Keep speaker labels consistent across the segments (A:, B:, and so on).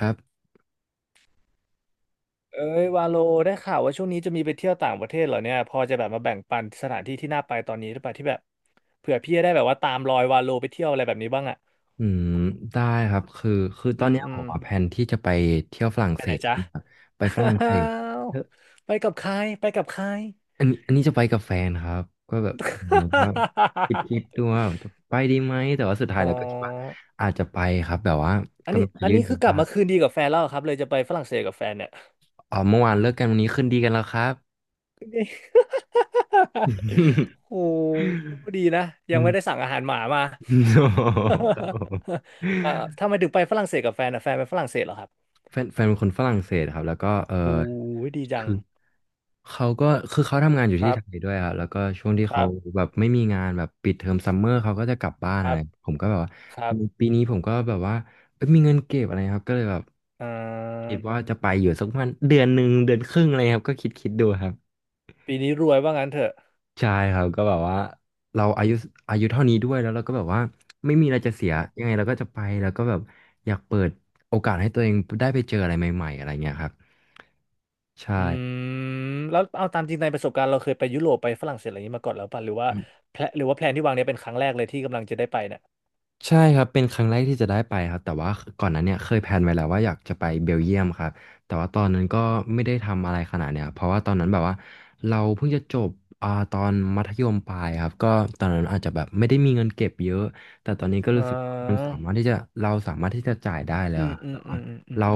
A: ครับ
B: เอ้ยวาโลได้ข่าวว่าช่วงนี้จะมีไปเที่ยวต่างประเทศเหรอเนี่ยพอจะแบบมาแบ่งปันสถานที่ที่น่าไปตอนนี้หรือเปล่าที่แบบเผื่อพี่จะได้แบบว่าตามรอยวาโลไปเที่ยวอะไรแบบนี้บ้างอ่ะ
A: อืมได้ครับคือต
B: อื
A: อน
B: ม
A: เนี้ย
B: อื
A: ผ
B: ม
A: มอะแผนที่จะไปเที่ยวฝรั่งเศสนะครับไปฝรั่ง
B: อ้า
A: เศส
B: ว
A: เออ
B: ไปกับใครไปกับใคร
A: อันนี้จะไปกับแฟนครับก็แบบเออก็คิดดู ว่าจะไปดีไหมแต่ว่าสุดท้าย
B: อ๋อ
A: แล้วก็คิดว่าอาจจะไปครับแบบว่า
B: อัน
A: กำ
B: นี้
A: ลังจะ
B: อัน
A: ยื่น
B: นี้
A: วี
B: คือกลับ
A: ซ่า
B: มาคืนดีกับแฟนแล้วเหรอครับเลยจะไปฝรั่งเศสกับแฟนเนี่ย
A: อ๋อเมื่อวานเลิกกันวันนี้คืนดีกันแล้วครับ
B: นี่ โอ้ดีนะ ยั
A: อื
B: ง
A: ม
B: ไม่ได้สั่งอาหารหมามา
A: โอ้ครับผม
B: เอ่อทำไมถึงไปฝรั่งเศสกับแฟนอะแฟนเป็นฝรั่งเศสเหรอครับ
A: แฟนเป็นคนฝรั่งเศสครับแล้วก็เออ
B: โอ้ยดีจัง
A: คือเขาก็คือเขาทำงานอยู่
B: ค
A: ที่
B: รั
A: ไท
B: บ
A: ยด้วยครับแล้วก็ช่วงที่
B: ค
A: เขา
B: รับ
A: แบบไม่มีงานแบบปิดเทอมซัมเมอร์เขาก็จะกลับบ้าน
B: ค
A: อะ
B: รั
A: ไร
B: บ
A: ผมก็แบบว่า
B: ครับ
A: ปีนี้ผมก็แบบว่าเอ้ยมีเงินเก็บอะไรครับก็เลยแบบ
B: อ่
A: คิ
B: า
A: ดว่าจะไปอยู่สักประมาณเดือนหนึ่งเดือนครึ่งอะไรครับก็คิดดูครับ
B: ปีนี้รวยว่างั้นเถอะ
A: ใช่ครับก็แบบว่าเราอายุอายุเท่านี้ด้วยแล้วเราก็แบบว่าไม่มีอะไรจะเสีย
B: ครั
A: ยั
B: บ
A: งไงเราก็จะไปแล้วก็แบบอยากเปิดโอกาสให้ตัวเองได้ไปเจออะไรใหม่ๆอะไรเงี้ยครับ ใช่
B: อืมแล้วเอาตามจริงในประสบการณ์เราเคยไปยุโรปไปฝรั่งเศสอะไรอย่างนี้มาก่อนแล้วป่ะหรือว่า
A: อืม
B: แพลนหรือว่าแพลนที่วางเนี้ยเป็นครั้งแรกเลยที่กำลังจะได้ไปเนี่ย
A: ใช่ครับเป็นครั้งแรกที่จะได้ไปครับแต่ว่าก่อนหนั้นเนี่ยเคยแพลนไว้แล้วว่าอยากจะไปเบลเยียมครับแต่ว่าตอนนั้นก็ไม่ได้ทำอะไรขนาดเนี่ยเพราะว่าตอนนั้นแบบว่าเราเพิ่งจะจบตอนมัธยมปลายครับก็ตอนนั้นอาจจะแบบไม่ได้มีเงินเก็บเยอะแต่ตอนนี้ก็
B: อ่
A: รู้สึกว่ามัน
B: า
A: สามารถที่จะเราสามารถที่จะจ่ายได้แล้
B: อื
A: ว
B: ม
A: อะ
B: อื
A: แบ
B: ม
A: บ
B: อื
A: ว่า
B: มอืมอืม
A: เรา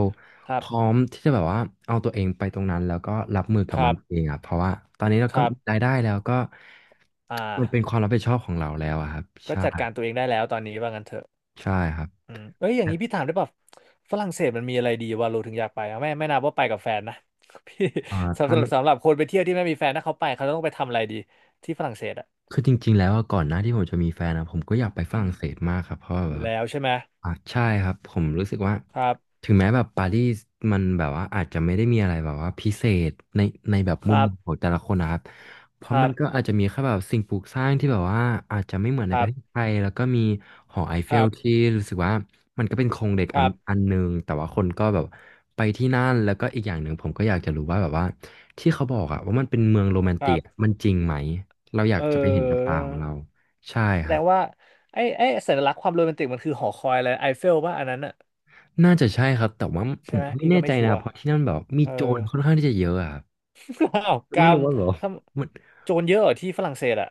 B: ครั
A: พ
B: บ
A: ร้อมที่จะแบบว่าเอาตัวเองไปตรงนั้นแล้วก็รับมือ
B: ค
A: กับ
B: รั
A: มันเอ
B: บ
A: งอ่ะเพราะว่าตอนนี้เรา
B: ค
A: ก็
B: รั
A: มีรา
B: บ
A: ยได้แล้วก็
B: อ่า
A: มันเป็นความรับผิดชอบของเราแล้วอะครับ
B: ก็
A: ใช่
B: จัดการตัวเองได้แล้วตอนนี้ว่างั้นเถอะ
A: ใช่ครับ
B: อืมเอ้ยอย่างนี้พี่ถามได้ป่ะฝรั่งเศสมันมีอะไรดีวะเราโลถึงอยากไปอะไม่นับว่าไปกับแฟนนะ พี่
A: อ่าถ้าไม่
B: สำหรับคนไปเที่ยวที่ไม่มีแฟนถ้าเขาไปเขาต้องไปทำอะไรดีที่ฝรั่งเศสอะ
A: คือจริงๆแล้วอะก่อนหน้าที่ผมจะมีแฟนนะผมก็อยากไปฝ
B: อื
A: รั่
B: ม
A: งเศสมากครับเพราะแบ
B: อ
A: บ
B: ยู่
A: ว่า
B: แล้วใช่ไหม
A: อ่ะใช่ครับผมรู้สึกว่า
B: ครับ
A: ถึงแม้แบบปารีสมันแบบว่าอาจจะไม่ได้มีอะไรแบบว่าพิเศษในในแบบ
B: ค
A: มุม
B: รั
A: มองของ
B: บ
A: แต่ละคนนะครับเพ
B: ค
A: ราะ
B: รั
A: มันก็
B: บ
A: อาจจะมีแค่แบบสิ่งปลูกสร้างที่แบบว่าอาจจะไม่เหมือน
B: ค
A: ในป
B: รั
A: ระเทศไท
B: บ
A: ยแล้วก็มีหอไอเฟ
B: ครั
A: ล
B: บ
A: ที่รู้สึกว่ามันก็เป็นโครงเหล็ก
B: ค
A: อั
B: รั
A: นอั
B: บ
A: นหนึ่งแต่ว่าคนก็แบบไปที่นั่นแล้วก็อีกอย่างหนึ่งผมก็อยากจะรู้ว่าแบบว่าที่เขาบอกอะว่ามันเป็นเมืองโรแมน
B: ค
A: ติ
B: รั
A: กอะ
B: บ
A: มันจริงไหม เราอยา
B: เอ
A: กจะไปเห็นกับ
B: อ
A: ตาของเราใช่
B: แส
A: ค
B: ด
A: รับ
B: งว่าไอ้สัญลักษณ์ความโรแมนติกมันคือหอคอยอะไรไอเฟลว่าอันนั้นอะ
A: น่าจะใช่ครับแต่ว่าผ
B: ใช่
A: ม
B: ไหม
A: ก็ไม่
B: พี่
A: แน่
B: ก็ไม่
A: ใจ
B: ชั
A: นะ
B: วร์
A: เพราะที่นั่นแบบมี
B: เออ
A: โจรค่อนข้างที่จะเยอะอะครับ
B: อ้าวกร
A: ไม่
B: ร
A: รู้
B: ม
A: ว่าแบบ
B: ท
A: มัน
B: ำโจรเยอะเหรอที่ฝรั่งเศสอะ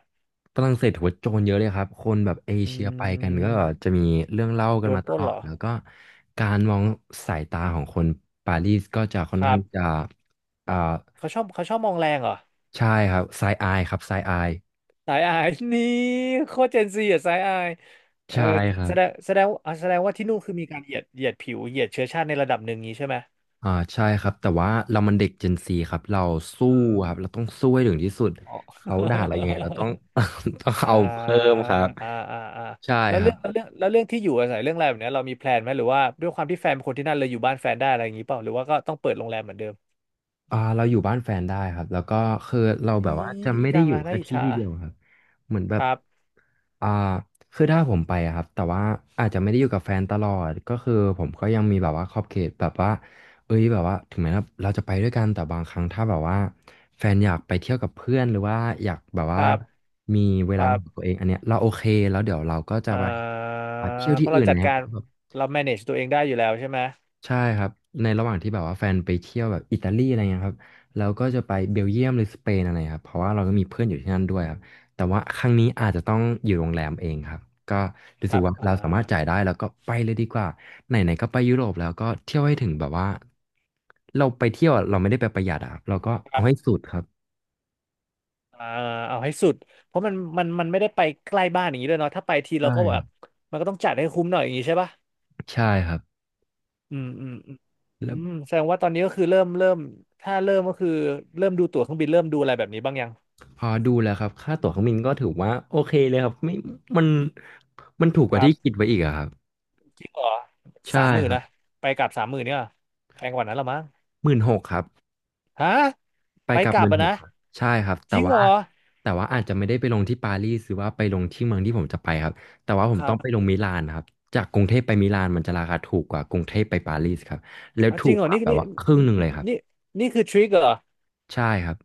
A: ฝรั่งเศสถือว่าโจรเยอะเลยครับคนแบบเอ
B: อื
A: เชียไปกันก็
B: ม
A: จะมีเรื่องเล่ากั
B: โด
A: น
B: น
A: มา
B: ป
A: ต
B: ล้น
A: ลอ
B: เหร
A: ด
B: อ
A: แล้วก็การมองสายตาของคนปารีสก็จะค่
B: ค
A: อน
B: รั
A: ข้างที่จะ
B: บ
A: อ่า
B: เขาชอบมองแรงเหรอ
A: ใช่ครับไซอายครับไซอาย
B: สายอาย นี่โคตรเจนซีอะสายอายเออ
A: ใช่ครั
B: แส
A: บ
B: ดงแสดงว่าที่นู่นคือมีการเหยียดผิวเหยียดเชื้อชาติในระดับหนึ่งนี้ใช่ไหม
A: อ่าใช่ครับแต่ว่าเรามันเด็ก Gen Z ครับเราสู้
B: เออ
A: ครับเราต้องสู้ให้ถึงที่สุด
B: อ๋อ
A: เขาด่าเรายังไงเราต้อง ต้อง
B: อ่า
A: เอาเพิ่มครับ
B: อ่าอ่าอ่า
A: ใช่
B: แล้ว
A: ครับ
B: เรื่องที่อยู่อาศัยเรื่องอะไรแบบเนี้ยเรามีแพลนไหมหรือว่าด้วยความที่แฟนเป็นคนที่นั่นเลยอยู่บ้านแฟนได้อะไรอย่างนี้เปล่าหรือว่าก็ต้องเปิดโรงแรมเหมือนเดิม
A: เราอยู่บ้านแฟนได้ครับแล้วก็คือเราแบบว่า
B: นี่
A: จะ
B: ดี
A: ไม่ได้
B: จัง
A: อยู่
B: อะน่า
A: แค่
B: อิจ
A: ที่
B: ฉา
A: ที่เดียวครับเหมือนแบ
B: ค
A: บ
B: รับ
A: อ่าคือถ้าผมไปอะครับแต่ว่าอาจจะไม่ได้อยู่กับแฟนตลอดก็คือผมก็ยังมีแบบว่าขอบเขตแบบว่าเอ้ยแบบว่าถึงแม้เราจะไปด้วยกันแต่บางครั้งถ้าแบบว่าแฟนอยากไปเที่ยวกับเพื่อนหรือว่าอยากแบบ
B: ค
A: ว่า
B: รับ
A: มีเว
B: ค
A: ลา
B: รั
A: ของ
B: บ
A: ตัวเองอันเนี้ยเราโอเคแล้วเดี๋ยวเราก็จะ
B: อ่
A: ไป
B: า
A: เที่ยว
B: เพ
A: ที่
B: ราะ
A: อื่
B: เรา
A: น
B: จั
A: นะ
B: ดกา
A: ค
B: ร
A: รับ
B: เรา manage ตัวเองได้อยู่แล้วใช่ไหม
A: ใช่ครับในระหว่างที่แบบว่าแฟนไปเที่ยวแบบอิตาลีอะไรเงี้ยครับเราก็จะไปเบลเยียมหรือสเปนอะไรครับเพราะว่าเราก็มีเพื่อนอยู่ที่นั่นด้วยครับแต่ว่าครั้งนี้อาจจะต้องอยู่โรงแรมเองครับก็
B: ค
A: รู้สึ
B: รั
A: ก
B: บ
A: ว่า
B: อ่า
A: เราสามารถจ่ายได้แล้วก็ไปเลยดีกว่าไหนๆก็ไปยุโรปแล้วก็เที่ยวให้ถึงแบบว่าเราไปเที่ยวอะเราไม่ได้ไปประหยัดอะครับเราก็
B: ค
A: เอา
B: รั
A: ให้
B: บ
A: สุดครับ
B: อ่าเอาให้สุดเพราะมันไม่ได้ไปใกล้บ้านอย่างนี้ด้วยเนาะถ้าไปทีเรา
A: ใช่
B: ก็แบ
A: ครั
B: บ
A: บ
B: มันก็ต้องจัดให้คุ้มหน่อยอย่างนี้ใช่ปะ
A: ใช่ครับ
B: อืมอืมอืมอื
A: แล้ว
B: มแสดงว่าตอนนี้ก็คือเริ่มถ้าเริ่มก็คือเริ่มดูตั๋วเครื่องบินเริ่มดูอะไรแบบนี้บ้างยัง
A: พอดูแล้วครับค่าตั๋วเครื่องบินก็ถือว่าโอเคเลยครับไม่มันมันถูกก
B: ค
A: ว่า
B: รั
A: ที่
B: บ
A: คิดไว้อีกอะครับ
B: จริงเหรอ
A: ใช่
B: สามหมื่
A: ค
B: น
A: รับ
B: นะไปกลับสามหมื่นเนี่ยแพงกว่านั้นละมั้ง
A: 16,000ครับ
B: ฮะ
A: ไป
B: ไป
A: กลับ
B: กลั
A: ห
B: บ
A: มื่น
B: อะ
A: หก
B: นะ
A: ครับใช่ครับ
B: จ
A: แต่
B: ริงเหร
A: ว่า
B: อ
A: แต่ว่าอาจจะไม่ได้ไปลงที่ปารีสหรือว่าไปลงที่เมืองที่ผมจะไปครับแต่ว่าผ
B: ค
A: ม
B: รั
A: ต้องไปล
B: บ
A: งมิลานครับจากกรุงเทพไปมิลานมันจะราคาถูกกว่ากรุงเทพไปปารีสครับแล้ว
B: อ่ะ
A: ถู
B: จริง
A: ก
B: เหรอ
A: กว่า
B: นี่
A: แบบ
B: นี่
A: ว่าครึ่งหนึ่งเลยครับ
B: นี่นี่คือทริคเหรอ
A: ใช่ครับ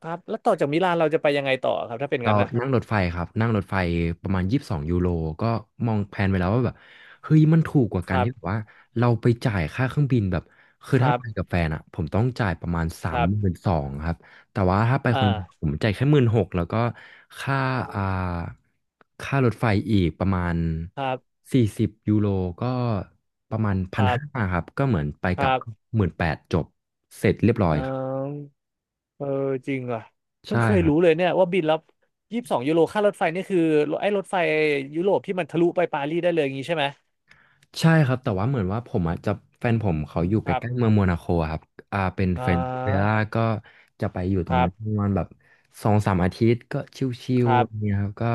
B: ครับแล้วต่อจากมิลานเราจะไปยังไงต่อครับถ้าเป็น
A: เรา
B: งั้นนะ
A: นั่งรถไฟครับนั่งรถไฟประมาณ22 ยูโรก็มองแพลนไว้แล้วว่าแบบเฮ้ยมันถูกกว่า
B: ค
A: กัน
B: รับ
A: ที่แบบว่าเราไปจ่ายค่าเครื่องบินแบบคือ
B: ครั
A: ถ้า
B: บ
A: ไปกับแฟนอ่ะผมต้องจ่ายประมาณสา
B: ค
A: ม
B: รับ
A: หมื่นสองครับแต่ว่าถ้าไป
B: อ
A: คนเดียวผ
B: ่า
A: มจ่ายแค่หมื่นหกแล้วก็ค่าอ่าค่ารถไฟอีกประมาณ
B: ครับ
A: 40 ยูโรก็ประมาณ
B: ค
A: พัน
B: รั
A: ห้า
B: บ
A: ครับก็เหมือนไป
B: ค
A: กลั
B: รั
A: บ
B: บ
A: 18,000จบเสร็จเรียบร้
B: เ
A: อยครับ
B: ออเออจริงเหรอเพิ่
A: ใช่
B: งเคย
A: ครับ
B: รู้เลยเนี่ยว่าบินแล้ว22 ยูโรค่ารถไฟนี่คือไอ้รถไฟยุโรปที่มันทะลุไปปารีสได้เลยอย่างนี้ใช่ไหม
A: ใช่ครับแต่ว่าเหมือนว่าผมอ่ะจะแฟนผมเขาอยู่
B: ค
A: ใก
B: รั
A: ล้ๆ
B: บ
A: เมืองโมนาโคอะครับเป็น
B: อ่
A: เฟรนด์ริเว
B: า
A: ล่าก็จะไปอยู่
B: ค
A: ตรง
B: รั
A: นั้นป
B: บ
A: ระมาณแบบ2-3 อาทิตย์ก็ชิ
B: ค
A: วๆ
B: รั
A: อะไร
B: บ
A: เนี่ยครับก็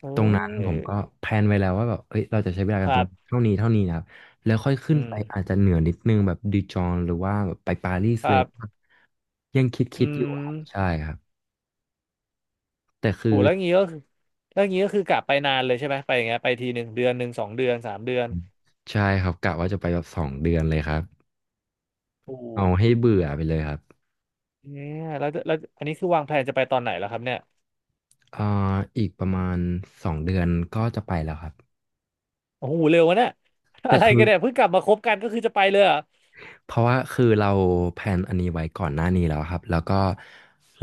B: เ
A: ตรงนั้นผ
B: อ
A: ม
B: อ
A: ก็แพลนไว้แล้วว่าแบบเอ้ยเราจะใช้เวลา
B: ค
A: กันต
B: รั
A: รง
B: บ
A: เท่านี้เท่านี้นะครับแล้วค่อยขึ้
B: อื
A: นไปอาจ
B: ม
A: จะเหนือนิดนึงแบบดิจองหรือว่าแบบไปปารีส
B: ครั
A: เลย
B: บ
A: ยังค
B: อื
A: ิดๆอยู่ครับใช่
B: ม
A: ครับแต่คื
B: โห
A: อ
B: แล้วงี้ก็คือแล้วงี้ก็คือกลับไปนานเลยใช่ไหมไปอย่างเงี้ยไปทีหนึ่งเดือนหนึ่งสองเดือนสามเดือน
A: ใช่ครับกะว่าจะไปแบบสองเดือนเลยครับ
B: โอ้โห
A: เอาให้เบื่อไปเลยครับ
B: เนี่ยแล้วอันนี้คือวางแผนจะไปตอนไหนแล้วครับเนี่ย
A: อ่าอีกประมาณสองเดือนก็จะไปแล้วครับ
B: โอ้โหเร็ววะเนี่ย
A: แต่
B: อะไร
A: คือ
B: กันเนี่ยเพิ่งกลับมาคบกันก็คือจะไปเลยเหรอ
A: เพราะว่าคือเราแพลนอันนี้ไว้ก่อนหน้านี้แล้วครับแล้วก็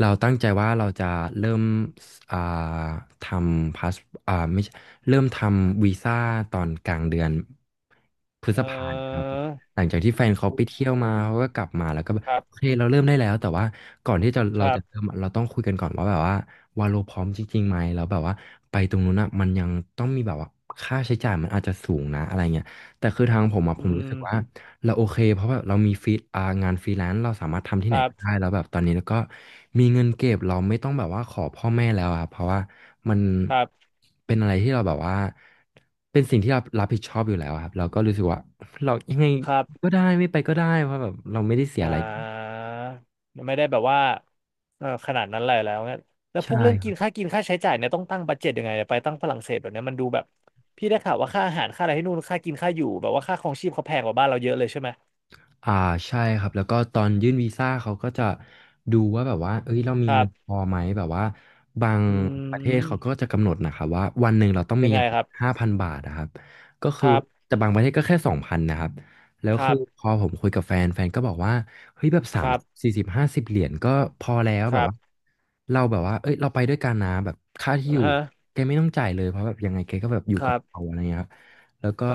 A: เราตั้งใจว่าเราจะเริ่มอ่าทำพาสอ่าไม่ใช่เริ่มทำวีซ่าตอนกลางเดือนพฤ
B: เอ
A: ษ
B: อ
A: ภาเนี่ยครับผมหลังจากที่แฟนเขา
B: โอ้
A: ไปเที่ย
B: โห
A: วมาเขาก็กลับมาแล้วก็แบบ
B: ครั
A: โอเค
B: บ
A: เราเริ่มได้แล้วแต่ว่าก่อนที่จะ
B: ค
A: เรา
B: รั
A: จะเริ่
B: บ
A: มอะเราต้องคุยกันก่อนว่าแบบว่าวาโลพร้อมจริงๆไหมแล้วแบบว่าไปตรงนู้นอ่ะมันยังต้องมีแบบว่าค่าใช้จ่ายมันอาจจะสูงนะอะไรเงี้ยแต่คือทางผมอ่ะผ
B: อื
A: มรู้
B: ม
A: สึกว่า เราโอเคเพราะแบบเรามีฟรีอ่างานฟรีแลนซ์เราสามารถทำที่
B: ค
A: ไหน
B: รั
A: ก็ได้
B: บ
A: แล้วแบบตอนนี้แล้วก็มีเงินเก็บเราไม่ต้องแบบว่าขอพ่อแม่แล้วอะเพราะว่ามัน
B: ครับ
A: เป็นอะไรที่เราแบบว่าเป็นสิ่งที่เรารับผิดชอบอยู่แล้วอะครับเราก็รู้สึกว่าเรายังไง
B: ครั
A: ก็
B: บ
A: ได้ไม่ไปก็ได้เพราะแบบเราไม่ได้เสีย
B: อ่
A: อะไร
B: าไม่ได้แบบว่าเออขนาดนั้นเลยแล้วเนี่ยแล้ว
A: ใช
B: พวกเรื่องกิน
A: ่
B: ค่าใช้จ่ายเนี่ยต้องตั้งบัดเจ็ตยังไงเนี่ยไปตั้งฝรั่งเศสแบบเนี้ยมันดูแบบพี่ได้ข่าวว่าค่าอาหารค่าอะไรที่นู่นค่ากินค่าอยู่แบบว่าค่าครองชีพเขาแพงกว่าบ้านเราเยอะเลยใช่ไหม
A: อ่าใช่ครับแล้วก็ตอนยื่นวีซ่าเขาก็จะดูว่าแบบว่าเอ้ยเรามี
B: ครั
A: เงินพ
B: บ
A: อไหมแบบว่าบาง
B: อื
A: ประเทศเขาก็
B: ม
A: จะกำหนดนะครับว่าวันหนึ่งเราต้อง
B: ยั
A: มี
B: ง
A: อ
B: ไง
A: ย่าง
B: ครับ
A: 5,000 บาทนะครับก็
B: ค
A: คือ
B: รับ
A: แต่บางประเทศก็แค่2,000นะครับแล้ว
B: ครั
A: คือพ
B: บ
A: อผมคุยกับแฟนแฟนก็บอกว่าเฮ้ยแบบ
B: ค
A: สาม
B: รับ
A: สี่สิบห้าสิบเหรียญก็พอแล้ว
B: ค
A: แบบ
B: รับ
A: ว่าเราแบบว่าเอ้ยเราไปด้วยกันนะแบบค่าที่
B: อ่า
A: อยู่
B: ฮะ
A: แกไม่ต้องจ่ายเลยเพราะแบบยังไงแกก็แบบอยู่
B: ค
A: กั
B: รั
A: บเรา
B: บ
A: อะไรเงี้ยครับแล้วก็
B: อ่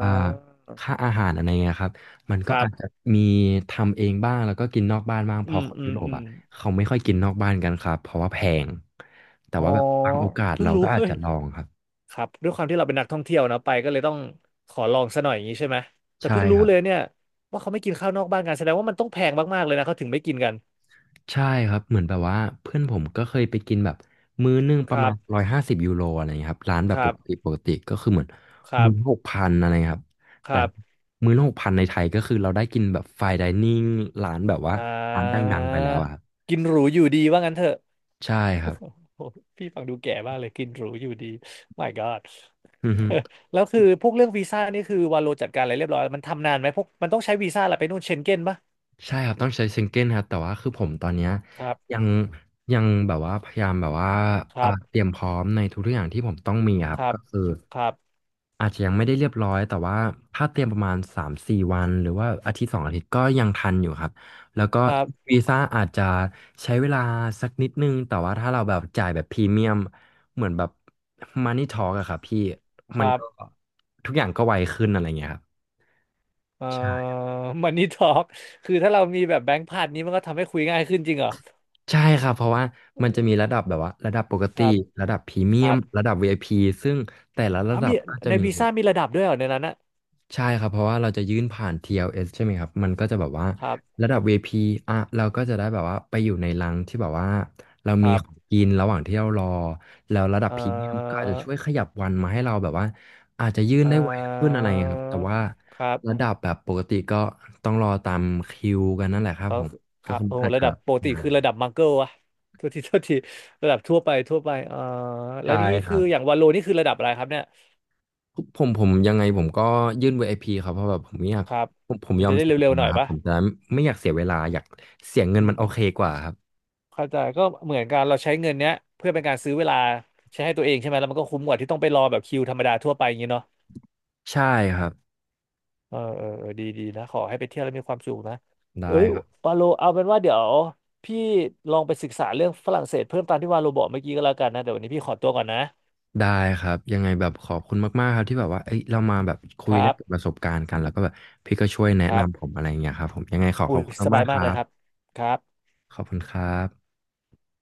A: อ่า
B: า
A: ค่าอาหารอะไรเงี้ยครับ มัน
B: ค
A: ก็
B: รั
A: อาจจะ
B: บ
A: มีทำเองบ้างแล้วก็กินนอกบ้านบ้างเพ
B: อื
A: อ
B: ม
A: คน
B: อื
A: ยุ
B: ม
A: โรป
B: อืม
A: อ่ะเขาไม่ค่อยกินนอกบ้านกันครับเพราะว่าแพงแต่
B: อ๋อ
A: ว่าแบบบางโอกาส
B: เพิ่ง
A: เรา
B: รู้
A: ก็อาจ
B: เฮ้ย
A: จะลองครับ
B: ครับด้วยความที่เราเป็นนักท่องเที่ยวเนาะไปก็เลยต้องขอลองซะหน่อยอย่างนี้ใช่ไหมแต่
A: ใช่
B: เพิ่ง
A: ค
B: รู้
A: รับ
B: เลยเนี่ยว่าเขาไม่กินข้าวนอกบ้านกันแสดงว่ามันต้องแพงมากๆเลยนะเขาถึงไม่กินกัน
A: ใช่ครับเหมือนแบบว่าเพื่อนผมก็เคยไปกินแบบมื้อนึง
B: ค
A: ประ
B: รั
A: มาณ
B: บ
A: 150 ยูโรอะไรเงี้ยครับร้าน
B: ค
A: แบบป
B: รั
A: กติ
B: บ
A: ปกติก็คือเหมือน
B: ครั
A: มื้อหก
B: บ
A: พันอะไรเงี้ยครับ
B: ค
A: แต่
B: รับ
A: มื้อหกพันในไทยก็คือเราได้กินแบบไฟน์ไดนิ่งร้านแบบว่า
B: อ่
A: ร้านด
B: า
A: ังๆไปแล้วอะครับ
B: กินหรูอยู่ดีว่างั้นเถอะ
A: ใช่ ค
B: โอ้
A: รับ
B: โหพี่ฟังดูแก่มากเลยกินหรูอยู่ดี My God
A: อือฮึ
B: แล้วคือพวกเรื่องวีซ่านี่คือวาโลจัดการอะไรเรียบร้อยมันทำนานไหมพวกมันต้องใช้วีซ่าอะไรไปนู่นเชงเก้นปะ
A: ใช่ครับต้องใช้ซิงเกิลครับแต่ว่าคือผมตอนเนี้ย
B: ครั
A: ยั
B: บ
A: งยังแบบว่าพยายามแบบว่า
B: ครั
A: เต
B: บ
A: รียมพร้อมในทุกๆอย่างที่ผมต้องมีค
B: ค
A: รับ
B: รับ
A: ก็คือ
B: ครับ
A: อาจจะยังไม่ได้เรียบร้อยแต่ว่าถ้าเตรียมประมาณ3-4 วันหรือว่าอาทิตย์2 อาทิตย์ก็ยังทันอยู่ครับแล้วก็
B: ครับ
A: วีซ่าอาจจะใช้เวลาสักนิดนึงแต่ว่าถ้าเราแบบจ่ายแบบพรีเมียมเหมือนแบบมันนี่ทอ k อะครับพี่
B: ค
A: มัน
B: รั
A: ก็
B: บ
A: ทุกอย่างก็ไวขึ้นอะไรเงี้ยครับ
B: เอ่อ มันนี่ทอล์กคือถ้าเรามีแบบแบงค์พันนี้มันก็ทำให้คุยง่ายขึ้นจริงเหรอ
A: ใช่ครับเพราะว่ามันจะมีระดับแบบว่าระดับปก
B: ค
A: ติ
B: รับ
A: ระดับพรีเมี
B: ค
A: ย
B: รั
A: ม
B: บ
A: ระดับ VIP ซึ่งแต่ละ
B: อ๋
A: ระ
B: อ
A: ดั
B: มี
A: บก็จะ
B: ใน
A: มี
B: วี
A: แบ
B: ซ่า
A: บ
B: มีระดับด้วยเหรอในนั้นนะ
A: ใช่ครับเพราะว่าเราจะยื่นผ่าน TLS ใช่ไหมครับมันก็จะแบบว่า
B: ครับ
A: ระดับ v ี p อพีอ่ะเราก็จะได้แบบว่าไปอยู่ในรังที่แบบว่าเรา
B: ค
A: มี
B: รั
A: ของ
B: บ
A: กินระหว่างที่เรารอแล้วระดับ
B: เอ่
A: พรีเมียมก็อา
B: อ
A: จจะช่วยขยับวันมาให้เราแบบว่าอาจจะยื่น
B: เอ่
A: ได้ไวขึ้น
B: อ
A: อะไรอย่างเงี้ยครับแต่ว่า
B: ครั
A: ระ
B: บ
A: ดับแบบปกติก็ต้องรอตามคิวกันนั่นแหละครับ
B: เออ
A: ผม
B: ค
A: ก็
B: รับ
A: คือ
B: โอ้โห
A: อาจ
B: ระ
A: จะ
B: ดับปกติ
A: นา
B: คือระ
A: น
B: ดับมังเกิลอะโทษทีโทษทีระดับทั่วไปทั่วไปแล้
A: ใช่
B: วนี่
A: ค
B: คื
A: รั
B: อ
A: บ
B: อย่างวาโลนี่คือระดับอะไรครับเนี่ย
A: ผมยังไงผมก็ยื่น VIP ครับเพราะแบบผมไม่อยาก
B: ครับ
A: ผม
B: มั
A: ย
B: น
A: อ
B: จะ
A: ม
B: ได้
A: เสีย
B: เร็
A: เว
B: วๆหน่
A: ลา
B: อย
A: ครับ
B: ปะ
A: ผมจะไม่อยากเสียเวลาอยากเสียเงิ
B: อื
A: นมันโอเค
B: ม
A: กว่าครับ
B: เข้าใจก็เหมือนกันเราใช้เงินเนี้ยเพื่อเป็นการซื้อเวลาใช้ให้ตัวเองใช่ไหมแล้วมันก็คุ้มกว่าที่ต้องไปรอแบบคิวธรรมดาทั่วไปอย่างนี้เนาะ
A: ใช่ครับ
B: เออเออเออดีดีนะขอให้ไปเที่ยวแล้วมีความสุขนะเอ้
A: ได้
B: ย
A: ครับ
B: วาโลเอาเป็นว่าเดี๋ยวพี่ลองไปศึกษาเรื่องฝรั่งเศสเพิ่มตามที่วาโลบอกเมื่อกี้ก็แล้วกันนะเดี๋ยววันนี้พี่ขอตัวก่อนนะ
A: ได้ครับยังไงแบบขอบคุณมากๆครับที่แบบว่าเอ้ยเรามาแบบคุ
B: ค
A: ย
B: รั
A: แลกเปลี่ยนป
B: บ
A: ระสบการณ์กันแล้วก็แบบพี่ก็ช่วยแนะ
B: ครั
A: นำผ
B: บ
A: มอะไรอย่างเงี้ยครับผมยังไงขอข
B: อุ้
A: อ
B: ย
A: บคุณ
B: สบา
A: มา
B: ย
A: กๆค
B: มาก
A: รั
B: เลย
A: บ
B: ครับครับ
A: ขอบคุณครับ